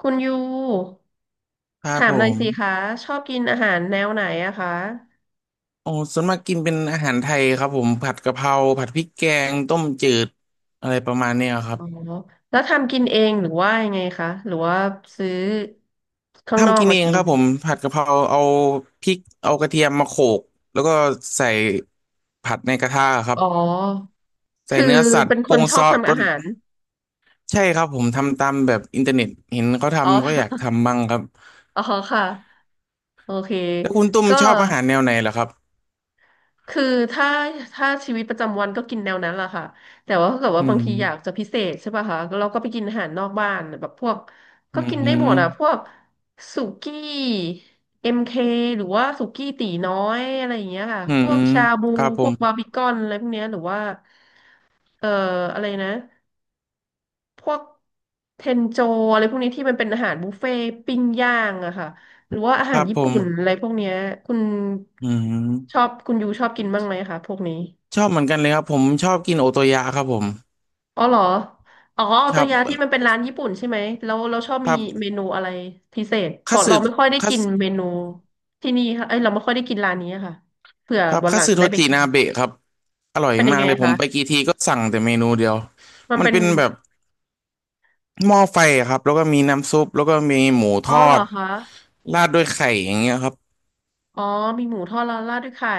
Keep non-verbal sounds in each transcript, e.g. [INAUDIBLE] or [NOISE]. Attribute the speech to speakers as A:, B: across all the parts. A: คุณยู
B: ครับ
A: ถาม
B: ผ
A: หน่อย
B: ม
A: สิคะชอบกินอาหารแนวไหนอะคะ
B: โอ้ส่วนมากกินเป็นอาหารไทยครับผมผัดกะเพราผัดพริกแกงต้มจืดอะไรประมาณเนี้ยครั
A: อ๋
B: บ
A: อแล้วทำกินเองหรือว่ายังไงคะหรือว่าซื้อข้างน
B: ทำ
A: อก
B: กิน
A: มา
B: เอง
A: กิ
B: ค
A: น
B: รับผมผัดกะเพราเอาพริกเอากระเทียมมาโขลกแล้วก็ใส่ผัดในกระทะครับ
A: อ๋อ
B: ใส่
A: คือ
B: เนื้อสัต
A: เป็
B: ว์
A: นค
B: ปรุ
A: น
B: ง
A: ช
B: ซ
A: อบ
B: อส
A: ทำ
B: ปรุ
A: อา
B: ง
A: หาร
B: ใช่ครับผมทำตามแบบอินเทอร์เน็ตเห็นเขา
A: อ๋อ
B: ทำก็อยาก
A: [LAUGHS]
B: ทำบ้างครับ
A: อ๋อค่ะโอเค
B: แล้วคุณตุ้ม
A: ก็
B: ชอบอาหารแนวไหนเหรอครับ
A: คือถ้าชีวิตประจำวันก็กินแนวนั้นแหละค่ะแต่ว่าถ้าเกิด
B: อื
A: ว่าบาง
B: ม
A: ทีอยากจะพิเศษใช่ป่ะคะเราก็ไปกินอาหารนอกบ้านแบบพวก
B: อื
A: ก็กินได้หมดอ่ะพ
B: ม
A: วกสุกี้เอ็มเคหรือว่าสุกี้ตี๋น้อยอะไรอย่างเงี้ยค่ะ
B: อื
A: พว
B: ม
A: กชาบู
B: ครับผ
A: พว
B: ม
A: กบาร์บีคอนอะไรพวกเนี้ยหรือว่าเอ่ออะไรนะพวกเทนโจอะไรพวกนี้ที่มันเป็นอาหารบุฟเฟ่ต์ปิ้งย่างอะค่ะหรือว่าอา
B: ค
A: หา
B: รั
A: ร
B: บ
A: ญี่
B: ผม
A: ปุ่นอะไรพวกเนี้ยคุณ
B: อื
A: ชอ
B: ม
A: บคุณยูชอบกินบ้างไหมคะพวกนี้
B: ชอบเหมือนกันเลยครับผมชอบกินโอโตยะครับผม
A: อ๋อเหรออ๋อเอา
B: ค
A: ตัว
B: รับ
A: ยาที่มันเป็นร้านญี่ปุ่นใช่ไหมแล้วเราชอบ
B: ค
A: มี
B: รั
A: เม
B: บ
A: นูอะไรพิเศษเพ
B: คัต
A: ราะเรา
B: สึ
A: ไม่ค่อยได้
B: คัต
A: กิน
B: สึ
A: เมนูที่นี่ค่ะเอ้ยเราไม่ค่อยได้กินร้านนี้ค่ะเผื่อ
B: ครับ
A: วัน
B: คั
A: ห
B: ต
A: ลัง
B: สึ
A: จะ
B: โท
A: ได้ไป
B: จิ
A: กิน
B: นาเบะครับอร่อย
A: เป็นยัง
B: มาก
A: ไง
B: เลยผม
A: คะ
B: ไปกี่ทีก็สั่งแต่เมนูเดียว
A: มัน
B: มัน
A: เป็น
B: เป็นแบบหม้อไฟอะครับแล้วก็มีน้ำซุปแล้วก็มีหมูท
A: อ๋อ
B: อ
A: เหรอ
B: ด
A: คะ
B: ราดด้วยไข่อย่างเงี้ยครับ
A: อ๋อมีหมูทอดแล้วราดด้วยไข่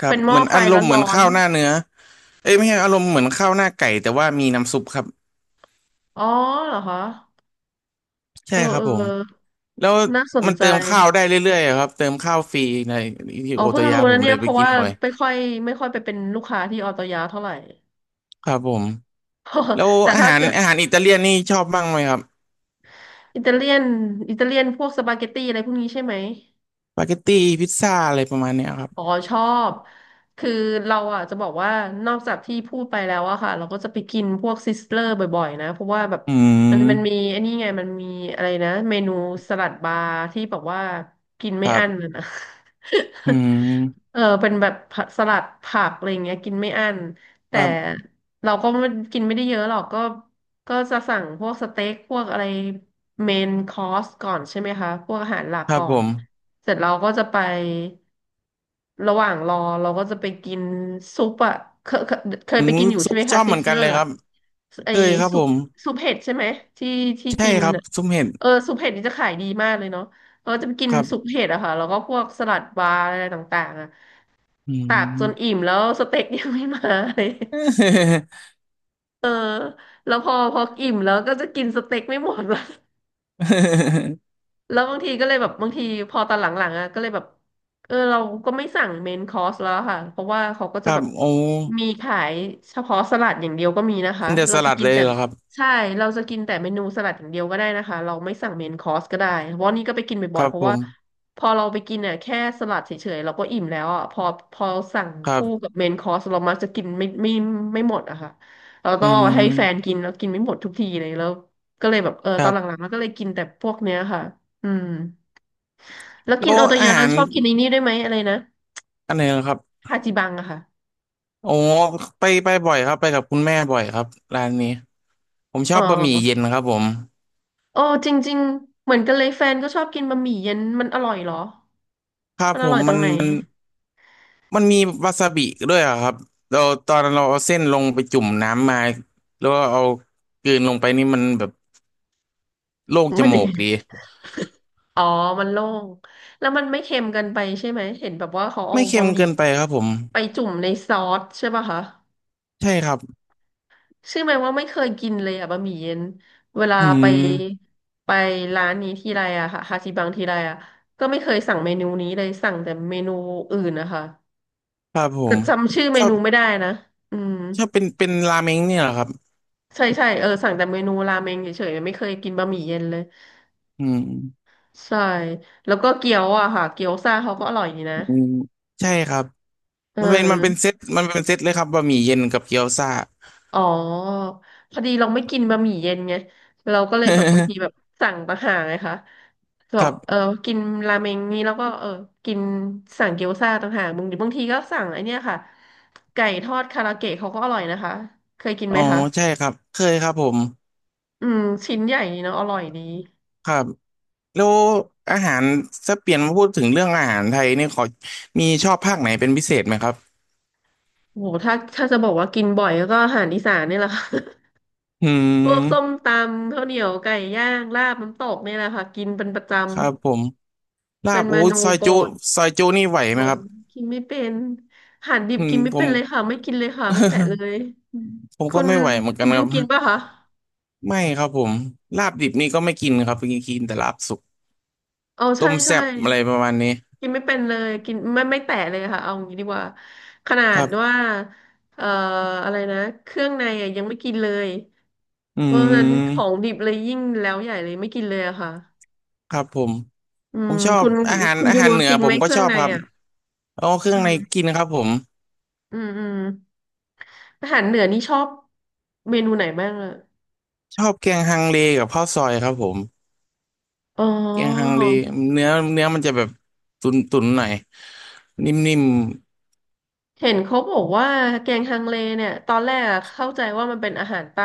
B: ครับ
A: เป็นหม้
B: เห
A: อ
B: มือน
A: ไฟ
B: อาร
A: ร้อ
B: ม
A: น
B: ณ์เหมือน
A: ร้อน
B: ข้าวหน้าเนื้อเอ้ยไม่ใช่อารมณ์เหมือนข้าวหน้าไก่แต่ว่ามีน้ำซุปครับ
A: อ๋อเหรอคะเอ
B: ใช่
A: อ
B: ครั
A: เอ
B: บ
A: อ
B: ผ
A: เอ
B: ม
A: อ
B: แล้ว
A: น่าสน
B: มัน
A: ใจ
B: เติมข้าวได้เรื่อยๆอะครับเติมข้าวฟรีในที่
A: อ๋อ
B: โอโต
A: เพิ่ง
B: ยะ
A: รู้
B: ผ
A: นะ
B: ม
A: เนี่
B: เล
A: ย
B: ย
A: เพ
B: ไป
A: ราะ
B: กิน
A: ว่า
B: บ่อย
A: ไม่ค่อยไปเป็นลูกค้าที่ออโตยาเท่าไหร่
B: ครับผม แล้ว
A: [LAUGHS] แต่
B: อา
A: ถ้า
B: หาร
A: เกิด
B: อาหารอิตาเลียนนี่ชอบบ้างไหมครับ
A: อิตาเลียนพวกสปาเกตตี้อะไรพวกนี้ใช่ไหม
B: สปาเกตตี้พิซซ่าอะไรประมาณเนี้ยครับ
A: อ๋อชอบคือเราอ่ะจะบอกว่านอกจากที่พูดไปแล้วอะค่ะเราก็จะไปกินพวกซิสเลอร์บ่อยๆนะเพราะว่าแบบ
B: อื
A: มันมี
B: ม
A: ไอันนี้ไงมันมีอะไรนะเมนูสลัดบาร์ที่แบบว่ากิน
B: ค
A: ไม่
B: รั
A: อั้น
B: บ
A: เลยนะ
B: อืม
A: [LAUGHS] เออเป็นแบบผักสลัดผักอะไรอย่างเงี้ยกินไม่อั้น
B: ค
A: แต่
B: รับ
A: เราก็ไม่กินไม่ได้เยอะหรอกก็จะสั่งพวกสเต็กพวกอะไรเมนคอร์สก่อนใช่ไหมคะพวกอาหารหลัก
B: ครับ
A: ก่อ
B: ผ
A: น
B: ม
A: เสร็จเราก็จะไประหว่างรอเราก็จะไปกินซุปอะเคยเคย
B: อื
A: ไป
B: ม
A: กินอยู่
B: ซุ
A: ใช่
B: ป
A: ไหม
B: ช
A: คะ
B: อบ
A: ซิ
B: เหมือ
A: ส
B: น
A: เล
B: กั
A: อ
B: นเล
A: ร์
B: ยค
A: อะ
B: รับ
A: ไอ
B: เคยครับ
A: ซุ
B: ผ
A: ป
B: ม
A: ซุปเห็ดใช่ไหมที่
B: ใช่
A: กิน
B: ครับ
A: อะ
B: ซุปเห็ด
A: เออซุปเห็ดนี่จะขายดีมากเลยเนาะเราก็จะไปกิน
B: ครั
A: ซุป
B: บ
A: เห็ดอะค่ะแล้วก็พวกสลัดบาร์อะไรต่างๆอะ
B: อื
A: ตักจน
B: ม
A: อิ่มแล้วสเต็กยังไม่มาเลย เออแล้วพออิ่มแล้วก็จะกินสเต็กไม่หมดละ [LAUGHS]
B: [LAUGHS]
A: แล้วบางทีก็เลยแบบบางทีพอตอนหลังๆอ่ะก็เลยแบบเออเราก็ไม่สั่งเมนคอร์สแล้วค่ะเพราะว่าเขาก็
B: ค
A: จะ
B: รั
A: แบ
B: บ
A: บ
B: โอ้
A: มีขายเฉพาะสลัดอย่างเดียวก็มีนะคะ
B: กินแต่ส
A: เราจะ
B: ลัด
A: กิ
B: เล
A: น
B: ย
A: แต่
B: เหรอครับ
A: ใช่เราจะกินแต่เมนูสลัดอย่างเดียวก็ได้นะคะเราไม่สั่งเมนคอร์สก็ได้เพราะนี่ก็ไปกิน
B: ค
A: บ่อย
B: รั
A: ๆ
B: บ
A: เพ
B: ผ
A: ราะว่า
B: ม
A: พอเราไปกินเนี่ยแค่สลัดเฉยๆเราก็อิ่มแล้วอ่ะพอพอสั่ง
B: ครั
A: คู่กั
B: บ
A: บเมนคอร์สเรามักจะกินไม่ไม่หมดอะค่ะเรา
B: อื
A: ต้องเอาให้แฟน
B: ม
A: กินแล้วกินไม่หมดทุกทีเลยแล้วก็เลยแบบเออ
B: ค
A: ตอ
B: รั
A: นหลัง
B: บ
A: ๆแล้วก็เลยกินแต่พวกเนี้ยค่ะ อืมแล้ว
B: แล้
A: กิน
B: ว
A: โอโต
B: อา
A: ยะเรา
B: หาร
A: ชอบกินไอ้นี่ด้วยไหมอะไรนะ
B: อันไหนเหรอครับ
A: ฮาจิบังอะค่ะ
B: โอ้ไปไปบ่อยครับไปกับคุณแม่บ่อยครับร้านนี้ผมช
A: อ๋
B: อบบะหมี่
A: อ
B: เย็นครับผม
A: โอ้จริงๆเหมือนกันเลยแฟนก็ชอบกินบะหมี่เย็นมันอร่อยเหรอ
B: ครับ
A: มัน
B: ผ
A: อร่
B: ม
A: อยตร
B: มั
A: ง
B: น
A: ไหน
B: มันมันมีวาซาบิด้วยอะครับเราตอนเราเอาเส้นลงไปจุ่มน้ำมาแล้วก็เอากลืนลงไปนี่มันแบบโล่งจ
A: มัน [LAUGHS]
B: มูกดี
A: อ๋อมันโล่งแล้วมันไม่เค็มเกินไปใช่ไหมเห็นแบบว่าเขาเอา
B: ไม่เค็
A: บะ
B: ม
A: หมี่
B: เกินไปครับผม
A: ไปจุ่มในซอสใช่ป่ะคะ
B: ใช่ครับ
A: เชื่อไหมว่าไม่เคยกินเลยอะบะหมี่เย็นเวลา
B: อื
A: ไป
B: ม
A: ไปร้านนี้ทีไรอะค่ะฮาจิบังทีไรอะก็ไม่เคยสั่งเมนูนี้เลยสั่งแต่เมนูอื่นนะคะ
B: ครับผ
A: แต่
B: ม
A: จำชื่อเม
B: ชอบ
A: นูไม่ได้นะอืม
B: ชอบเป็นราเมงเนี่ยเหรอครับ
A: ใช่ใช่เออสั่งแต่เมนูราเมงเฉยๆไม่เคยกินบะหมี่เย็นเลย
B: อืม
A: ใช่แล้วก็เกี๊ยวอะค่ะเกี๊ยวซ่าเขาก็อร่อยดีนะ
B: อืมใช่ครับ
A: เ
B: มันเป็นมันเป็นเซ
A: ออ
B: ตมันเป็นเซตเลยครับบะหมี่เย็นกับเกี๊ยวซ่า
A: อ๋อพอดีเราไม่กินบะหมี่เย็นไงเราก็เลยแบบบางทีแบบสั่งต่างหากไงคะแบ
B: [LAUGHS] ครั
A: บเออ
B: บ
A: กินราเมงนี้แล้วก็เออกินเกี๊ยวซ่าต่างหากบางทีก็สั่งไอเนี้ยค่ะไก่ทอดคาราเกะเขาก็อร่อยนะคะเคยกิน
B: อ๋อ
A: ไหมคะ
B: ใช่ครับเคยครับผม
A: อืมชิ้นใหญ่ดีเนาะอร่อยดี
B: ครับ แล้วอาหารถ้าเปลี่ยนมาพูดถึงเรื่องอาหารไทยนี่ขอมีชอบภาคไหนเป็นพิเศษไหมครับ
A: โหถ้าจะบอกว่ากินบ่อยก็อาหารอีสานนี่แหละค่ะ
B: อื
A: [LAUGHS] พวกส้ม
B: ม
A: ตำข้าวเหนียวไก่ย่างลาบน้ำตกนี่แหละค่ะกินเป็นประจำ
B: ครับผมลา
A: เป็
B: บ
A: นเม
B: โอ้ย
A: นู
B: ซอย
A: โปร
B: จุ
A: ด
B: ซอยจุนี่ไหว
A: โห
B: ไหมครับ
A: กินไม่เป็นอาหารดิบ
B: อืม
A: กินไม่
B: ผ
A: เป็
B: ม
A: นเลยค่ะไม่กินเลยค่ะไม่แตะเล
B: [LAUGHS]
A: ย
B: ผม
A: คุ
B: ก็
A: ณ
B: ไม่ไหวเหมือน
A: คุ
B: กัน
A: ณ
B: ค
A: ยู
B: รับ
A: กินป่ะคะ
B: ไม่ครับผมลาบดิบนี่ก็ไม่กินครับกินกินแต่ลาบสุก
A: เอาใช่
B: ต้ม
A: ใช่
B: แซ่บอะไรประมาณนี้
A: กินไม่เป็นเลยกินไม่แตะเลยค่ะเอางี้ดีกว่าขนา
B: ค
A: ด
B: รับ
A: ว่าเอ่ออะไรนะเครื่องในอะยังไม่กินเลย
B: อื
A: เพราะฉะนั้นของ
B: ม
A: ดิบเลยยิ่งแล้วใหญ่เลยไม่กินเลยอะค่ะ
B: ครับผม
A: อื
B: ผ
A: ม
B: มชอบ
A: คุณ
B: อาหาร
A: คุณ
B: อา
A: ยู
B: หารเหนือ
A: กิน
B: ผ
A: ไหม
B: มก็
A: เครื่
B: ช
A: อง
B: อบ
A: ใน
B: ครับ
A: อ่ะ
B: เอาเครื่
A: อื
B: องใน
A: ม
B: กินครับผม
A: อืมอืมอาหารเหนือนี่ชอบเมนูไหนบ้างอ่ะ
B: ชอบแกงฮังเลกับข้าวซอยครับผม
A: อ๋
B: เกียงฮั
A: อ
B: งดีเนื้อเนื้อมันจะแบบตุนตุนหน่อยนิ่ม
A: เห็นเขาบอกว่าแกงฮังเลเนี่ยตอนแรกอะเข้าใจว่ามันเป็นอาหารใต้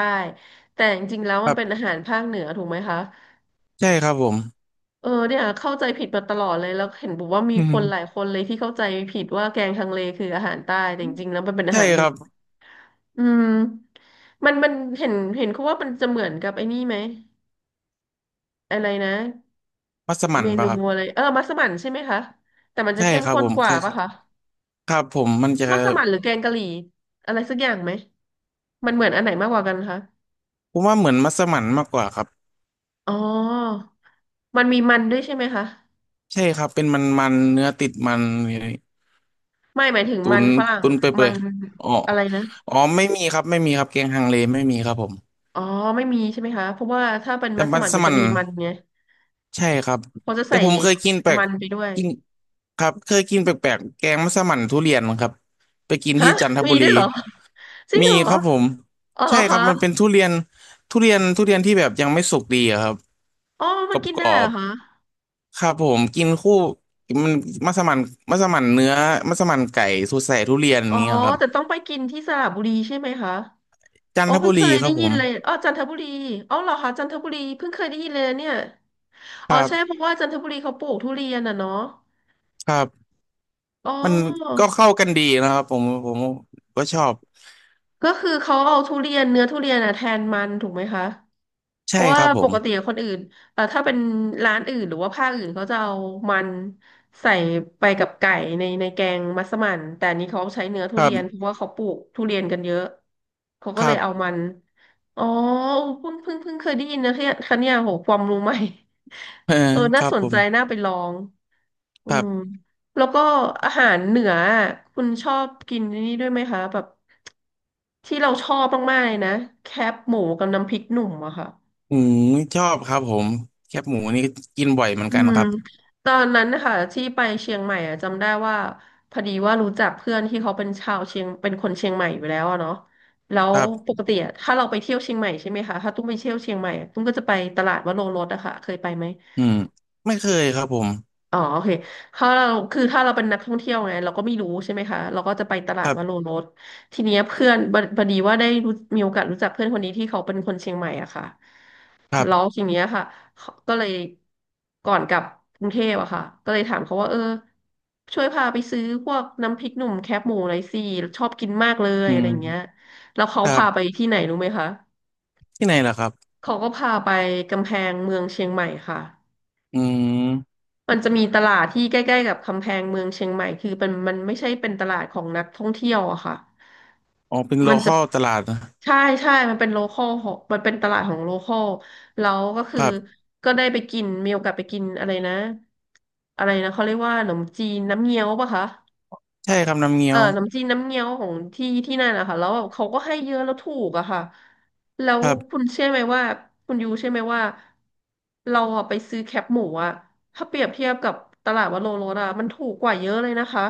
A: แต่จริงๆแล้ว
B: ๆค
A: มัน
B: รับ
A: เป็นอาหารภาคเหนือถูกไหมคะ
B: ใช่ครับผม
A: เออเนี่ยเข้าใจผิดมาตลอดเลยแล้วเห็นบอกว่ามี
B: อื
A: คนหลาย
B: ม
A: คนเลยที่เข้าใจผิดว่าแกงฮังเลคืออาหารใต้แต่จริงๆแล้วมันเป็นอา
B: ใช่
A: หารเห
B: ค
A: นื
B: รั
A: อ
B: บ
A: อืมมันเห็นเขาว่ามันจะเหมือนกับไอ้นี่ไหมอะไรนะ
B: มัสมั่น
A: เม
B: ปะ
A: นู
B: ครับ
A: อะไรเออมัสมั่นใช่ไหมคะแต่มันจะ
B: ใช่
A: เข้ม
B: ครับ
A: ข้
B: ผ
A: น
B: ม
A: กว่า
B: ใช่ค
A: ปะ
B: ร
A: คะ
B: ับผมมันจะ
A: มัสมั่นหรือแกงกะหรี่อะไรสักอย่างไหมมันเหมือนอันไหนมากกว่ากันคะ
B: ผมว่าเหมือนมัสมั่นมากกว่าครับ
A: อ๋อมันมีมันด้วยใช่ไหมคะ
B: ใช่ครับเป็นมันเนื้อติดมัน
A: ไม่หมายถึง
B: ตุ
A: มั
B: น
A: นฝรั่ง
B: ตุน
A: อะมั
B: เปื่อ
A: น
B: ยๆอ๋อ
A: อะไรนะ
B: อ๋อไม่มีครับไม่มีครับเกียงฮังเลไม่มีครับผม
A: อ๋อไม่มีใช่ไหมคะเพราะว่าถ้าเป็น
B: แต่
A: มัส
B: มั
A: มั่น
B: ส
A: มันจะ
B: มั่น
A: มีมันไง
B: ใช่ครับ
A: เขาจะ
B: แต่
A: ใส่
B: ผมเคยกินแปลก
A: มันไปด้วย
B: กินครับเคยกินแปลกๆแกงมัสมั่นทุเรียนครับไปกิน
A: ฮะ
B: ที่จันท
A: มี
B: บุรี
A: ด้วยเหรอจริง
B: มี
A: เหรอ
B: ครับผม
A: อ๋อเหร
B: ใช่
A: อ
B: ครั
A: คะ
B: บมันเป็นทุเรียนทุเรียนที่แบบยังไม่สุกดีอะครับ
A: อ๋อ
B: ก
A: มันกิน
B: ร
A: ได้
B: อ
A: เหรอ
B: บ
A: คะ
B: ๆครับผมกินคู่มันมัสมั่นมัสมั่นเนื้อมัสมั่นไก่สูตรใส่ทุเรียนอ
A: อ๋
B: ย่า
A: อ
B: งเงี้ยครับ
A: แต่ต้องไปกินที่สระบุรีใช่ไหมคะ
B: จัน
A: อ๋อ
B: ท
A: เพิ่
B: บุ
A: งเค
B: รี
A: ย
B: ค
A: ได้
B: รับผ
A: ยิน
B: ม
A: เลยอ๋อจันทบุรีอ๋อเหรอคะจันทบุรีเพิ่งเคยได้ยินเลยนะเนี่ย
B: ค
A: อ๋อ
B: รั
A: ใช่
B: บ
A: เพราะว่าจันทบุรีเขาปลูกทุเรียนอ่ะเนาะ
B: ครับ
A: อ๋
B: มัน
A: อ
B: ก็เข้ากันดีนะครับผมก็ชอบ
A: ก็คือเขาเอาทุเรียนเนื้อทุเรียนอะแทนมันถูกไหมคะเพ
B: ใช่
A: ราะ
B: ค
A: ว่า
B: รับผ
A: ป
B: ม
A: กติคนอื่นถ้าเป็นร้านอื่นหรือว่าภาคอื่นเขาจะเอามันใส่ไปกับไก่ในแกงมัสมั่นแต่อันนี้เขาใช้เนื้อทุ
B: ครั
A: เรียนเพ
B: บ
A: ราะว่าเขาปลูกทุเรียนกันเยอะเขา
B: ค
A: ก็เล
B: รั
A: ย
B: บ
A: เอามันอ๋อเพิ่งเคยได้ยินนะเนี่ยคะเนี่ยโหความรู้ใหม่
B: [LAUGHS] เออ
A: [LAUGHS] เออ
B: ค
A: น่า
B: รับ
A: สน
B: ผ
A: ใจน่า
B: ม
A: ไปลองอื
B: ครั
A: ม
B: บ
A: แล้วก็อาหารเหนืออะคุณชอบกินนี่ด้วยไหมคะแบบ ที่เราชอบมากๆเลยนะแคบหมูกับน้ำพริกหนุ่มอะค่ะ
B: อืมชอบครับผมแคบหมูนี่กินบ่อยเหมือน
A: อื
B: กัน
A: ม
B: ครับ
A: ตอนนั้นนะคะที่ไปเชียงใหม่อะจำได้ว่าพอดีว่ารู้จักเพื่อนที่เขาเป็นชาวเชียงเป็นคนเชียงใหม่อยู่แล้วอะเนาะแล้ว
B: ครั
A: ป
B: บ
A: กติอะถ้าเราไปเที่ยวเชียงใหม่ใช่ไหมคะถ้าตุ้มไปเที่ยวเชียงใหม่อะตุ้มก็จะไปตลาดวโรรสอะค่ะเคยไปไหม
B: อืมไม่เคยครับผม
A: อ๋อโอเคถ้าเราคือถ้าเราเป็นนักท่องเที่ยวไงเราก็ไม่รู้ใช่ไหมคะเราก็จะไปตลา
B: ค
A: ด
B: รั
A: วโร
B: บ
A: รสทีเนี้ยเพื่อนพอดีว่าได้รู้มีโอกาสรู้จักเพื่อนคนนี้ที่เขาเป็นคนเชียงใหม่อะค่ะ
B: ครั
A: แล้ว
B: บ
A: ทีเนี้ยค่ะเขาก็เลยก่อนกลับกรุงเทพอะค่ะก็เลยถามเขาว่าเออช่วยพาไปซื้อพวกน้ำพริกหนุ่มแคบหมูหน่อยสิชอบกินมากเลย
B: อื
A: อะไร
B: ม
A: อย่างเงี้ยแล้วเขา
B: ครั
A: พาไป
B: บ
A: ที่ไหนรู้ไหมคะ
B: ที่ไหนล่ะครับ
A: เขาก็พาไปกำแพงเมืองเชียงใหม่ค่ะ
B: อืม
A: มันจะมีตลาดที่ใกล้ๆกับกำแพงเมืองเชียงใหม่คือเป็นมันไม่ใช่เป็นตลาดของนักท่องเที่ยวอะค่ะ
B: อ๋อเป็นโล
A: มัน
B: ค
A: จะ
B: อลตลาดนะ
A: ใช่ใช่มันเป็นโลคอลของมันเป็นตลาดของโลคอลแล้วก็คื
B: ค
A: อ
B: รับ
A: ก็ได้ไปกินมีโอกาสไปกินอะไรนะอะไรนะเขาเรียกว่าขนมจีนน้ำเงี้ยวปะคะ
B: ใช่ครับน้ำเงี้ยว
A: น้ำจีนน้ำเงี้ยวของที่นั่นนะคะ แล้วแบบเขาก็ให้เยอะแล้วถูกอะค่ะแล้ว
B: ครับ
A: คุณเชื่อไหมว่า คุณยูเชื่อไหมว่า เราอะไปซื้อแคปหมูอะถ้าเปรียบเทียบกับตลาดวัดโลโรสอะมันถูกกว่าเยอะเลยนะคะ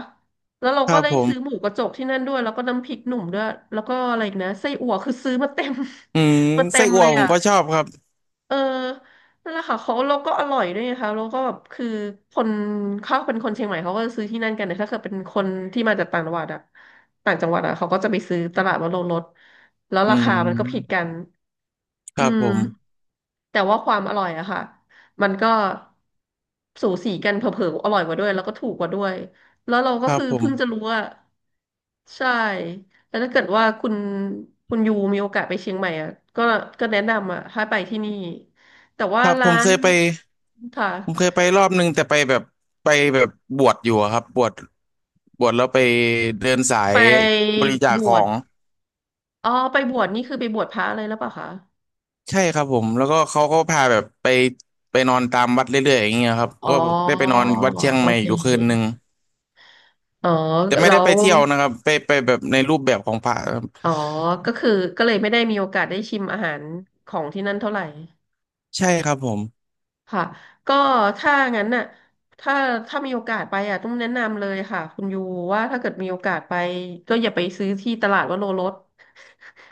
A: แล้วเรา
B: ค
A: ก็
B: รับ
A: เลย
B: ผม
A: ซื้อหมูกระจกที่นั่นด้วย แล้วก็น้ำพริกหนุ่มด้วย แล้วก็อะไรอีกนะไส้อั่วคือซื้อมาเต็ม
B: อืม
A: [LAUGHS] มาเต็
B: ไส้
A: ม
B: อั่
A: เล
B: ว
A: ย
B: ผม
A: อะ
B: ก็ชอบครับ
A: เออนั่นแหละค่ะเขาแล้วก็อร่อยด้วยนะคะแล้วก็แบบคือคนเขาเป็นคนเชียงใหม่เขาก็ซื้อที่นั่นกันแต่ถ้าเกิดเป็นคนที่มาจากต่างจังหวัดอะต่างจังหวัดอะเขาก็จะไปซื้อตลาดวโรรสแล้ว
B: อื
A: รา
B: ม
A: คามันก็ผิดกัน
B: ค
A: อื
B: รับผ
A: ม
B: ม
A: แต่ว่าความอร่อยอะค่ะมันก็สูสีกันเผลอๆอร่อยกว่าด้วยแล้วก็ถูกกว่าด้วยแล้วเรา
B: ค
A: ก็
B: รับ
A: คือ
B: ผ
A: เพิ่งจะ
B: ม
A: รู้ว่า ใช่ แล้วถ้าเกิดว่าคุณยูมีโอกาสไปเชียงใหม่อ่ะก็ก็แนะนำอ่ะให้ไปที่นี่ แต่ว่า
B: ครับผ
A: ร้า
B: มเค
A: น
B: ยไป
A: ค่ะ
B: ผมเคยไปรอบนึงแต่ไปแบบบวชอยู่อะครับบวชบวชแล้วไปเดินสา
A: ไป
B: ยบริจา
A: บ
B: คข
A: ว
B: อ
A: ช
B: ง
A: อ๋อไปบวชนี่คือไปบวชพระเลยหรือเปล่าคะ
B: ใช่ครับผมแล้วก็เขาก็พาแบบไปไปนอนตามวัดเรื่อยๆอย่างเงี้ยครับ
A: อ๋อ
B: ก็ได้ไปนอนวัดเชียง
A: โอ
B: ใหม่
A: เค
B: อยู่คืนหนึ่ง
A: อ๋อ
B: แต่ไม่
A: แล้
B: ได้ไป
A: ว
B: เที่ยวนะครับไปไปแบบในรูปแบบของพระครับ
A: อ๋อก็คือก็เลยไม่ได้มีโอกาสได้ชิมอาหารของที่นั่นเท่าไหร่
B: ใช่ครับผม
A: ค่ะก็ถ้างั้นน่ะถ้าถ้ามีโอกาสไปอ่ะต้องแนะนำเลยค่ะคุณยูว่าถ้าเกิดมีโอกาสไปก็อย่าไปซื้อที่ตลาดวโรรส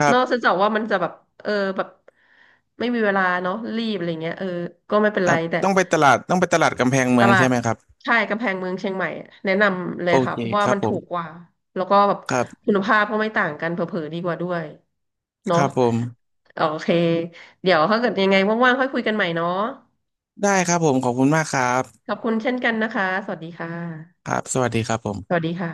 B: ค รั
A: นอก
B: บ
A: จากว่ามันจะแบบเออแบบไม่มีเวลาเนาะรีบอะไรเงี้ยเออก็ไม่เป็น
B: ค
A: ไร
B: รับ
A: แต่
B: ต้องไปตลาดต้องไปตลาดกำแพง
A: ต
B: เมือง
A: ลา
B: ใช่
A: ด
B: ไหมครับ
A: ใช่กำแพงเมืองเชียงใหม่อะแนะนำเล
B: โอ
A: ยค่ะ
B: เค
A: เพราะว่า
B: ครั
A: มั
B: บ
A: น
B: ผ
A: ถูกก
B: ม
A: ว่าแล้วก็แบบ
B: ครับ
A: คุณภาพก็ไม่ต่างกันเผลอๆดีกว่าด้วย
B: ค
A: เนาะ
B: รับผม
A: โอเคเดี๋ยวถ้าเกิดยังไงว่างๆค่อยคุยกันใหม่เนาะ
B: ได้ครับผมขอบคุณมากครั
A: ข
B: บ
A: อบคุณเช่นกันนะคะ สวัสดีค่ะ
B: ครับสวัสดีครับผ
A: สวัส
B: ม
A: ดีค่ะ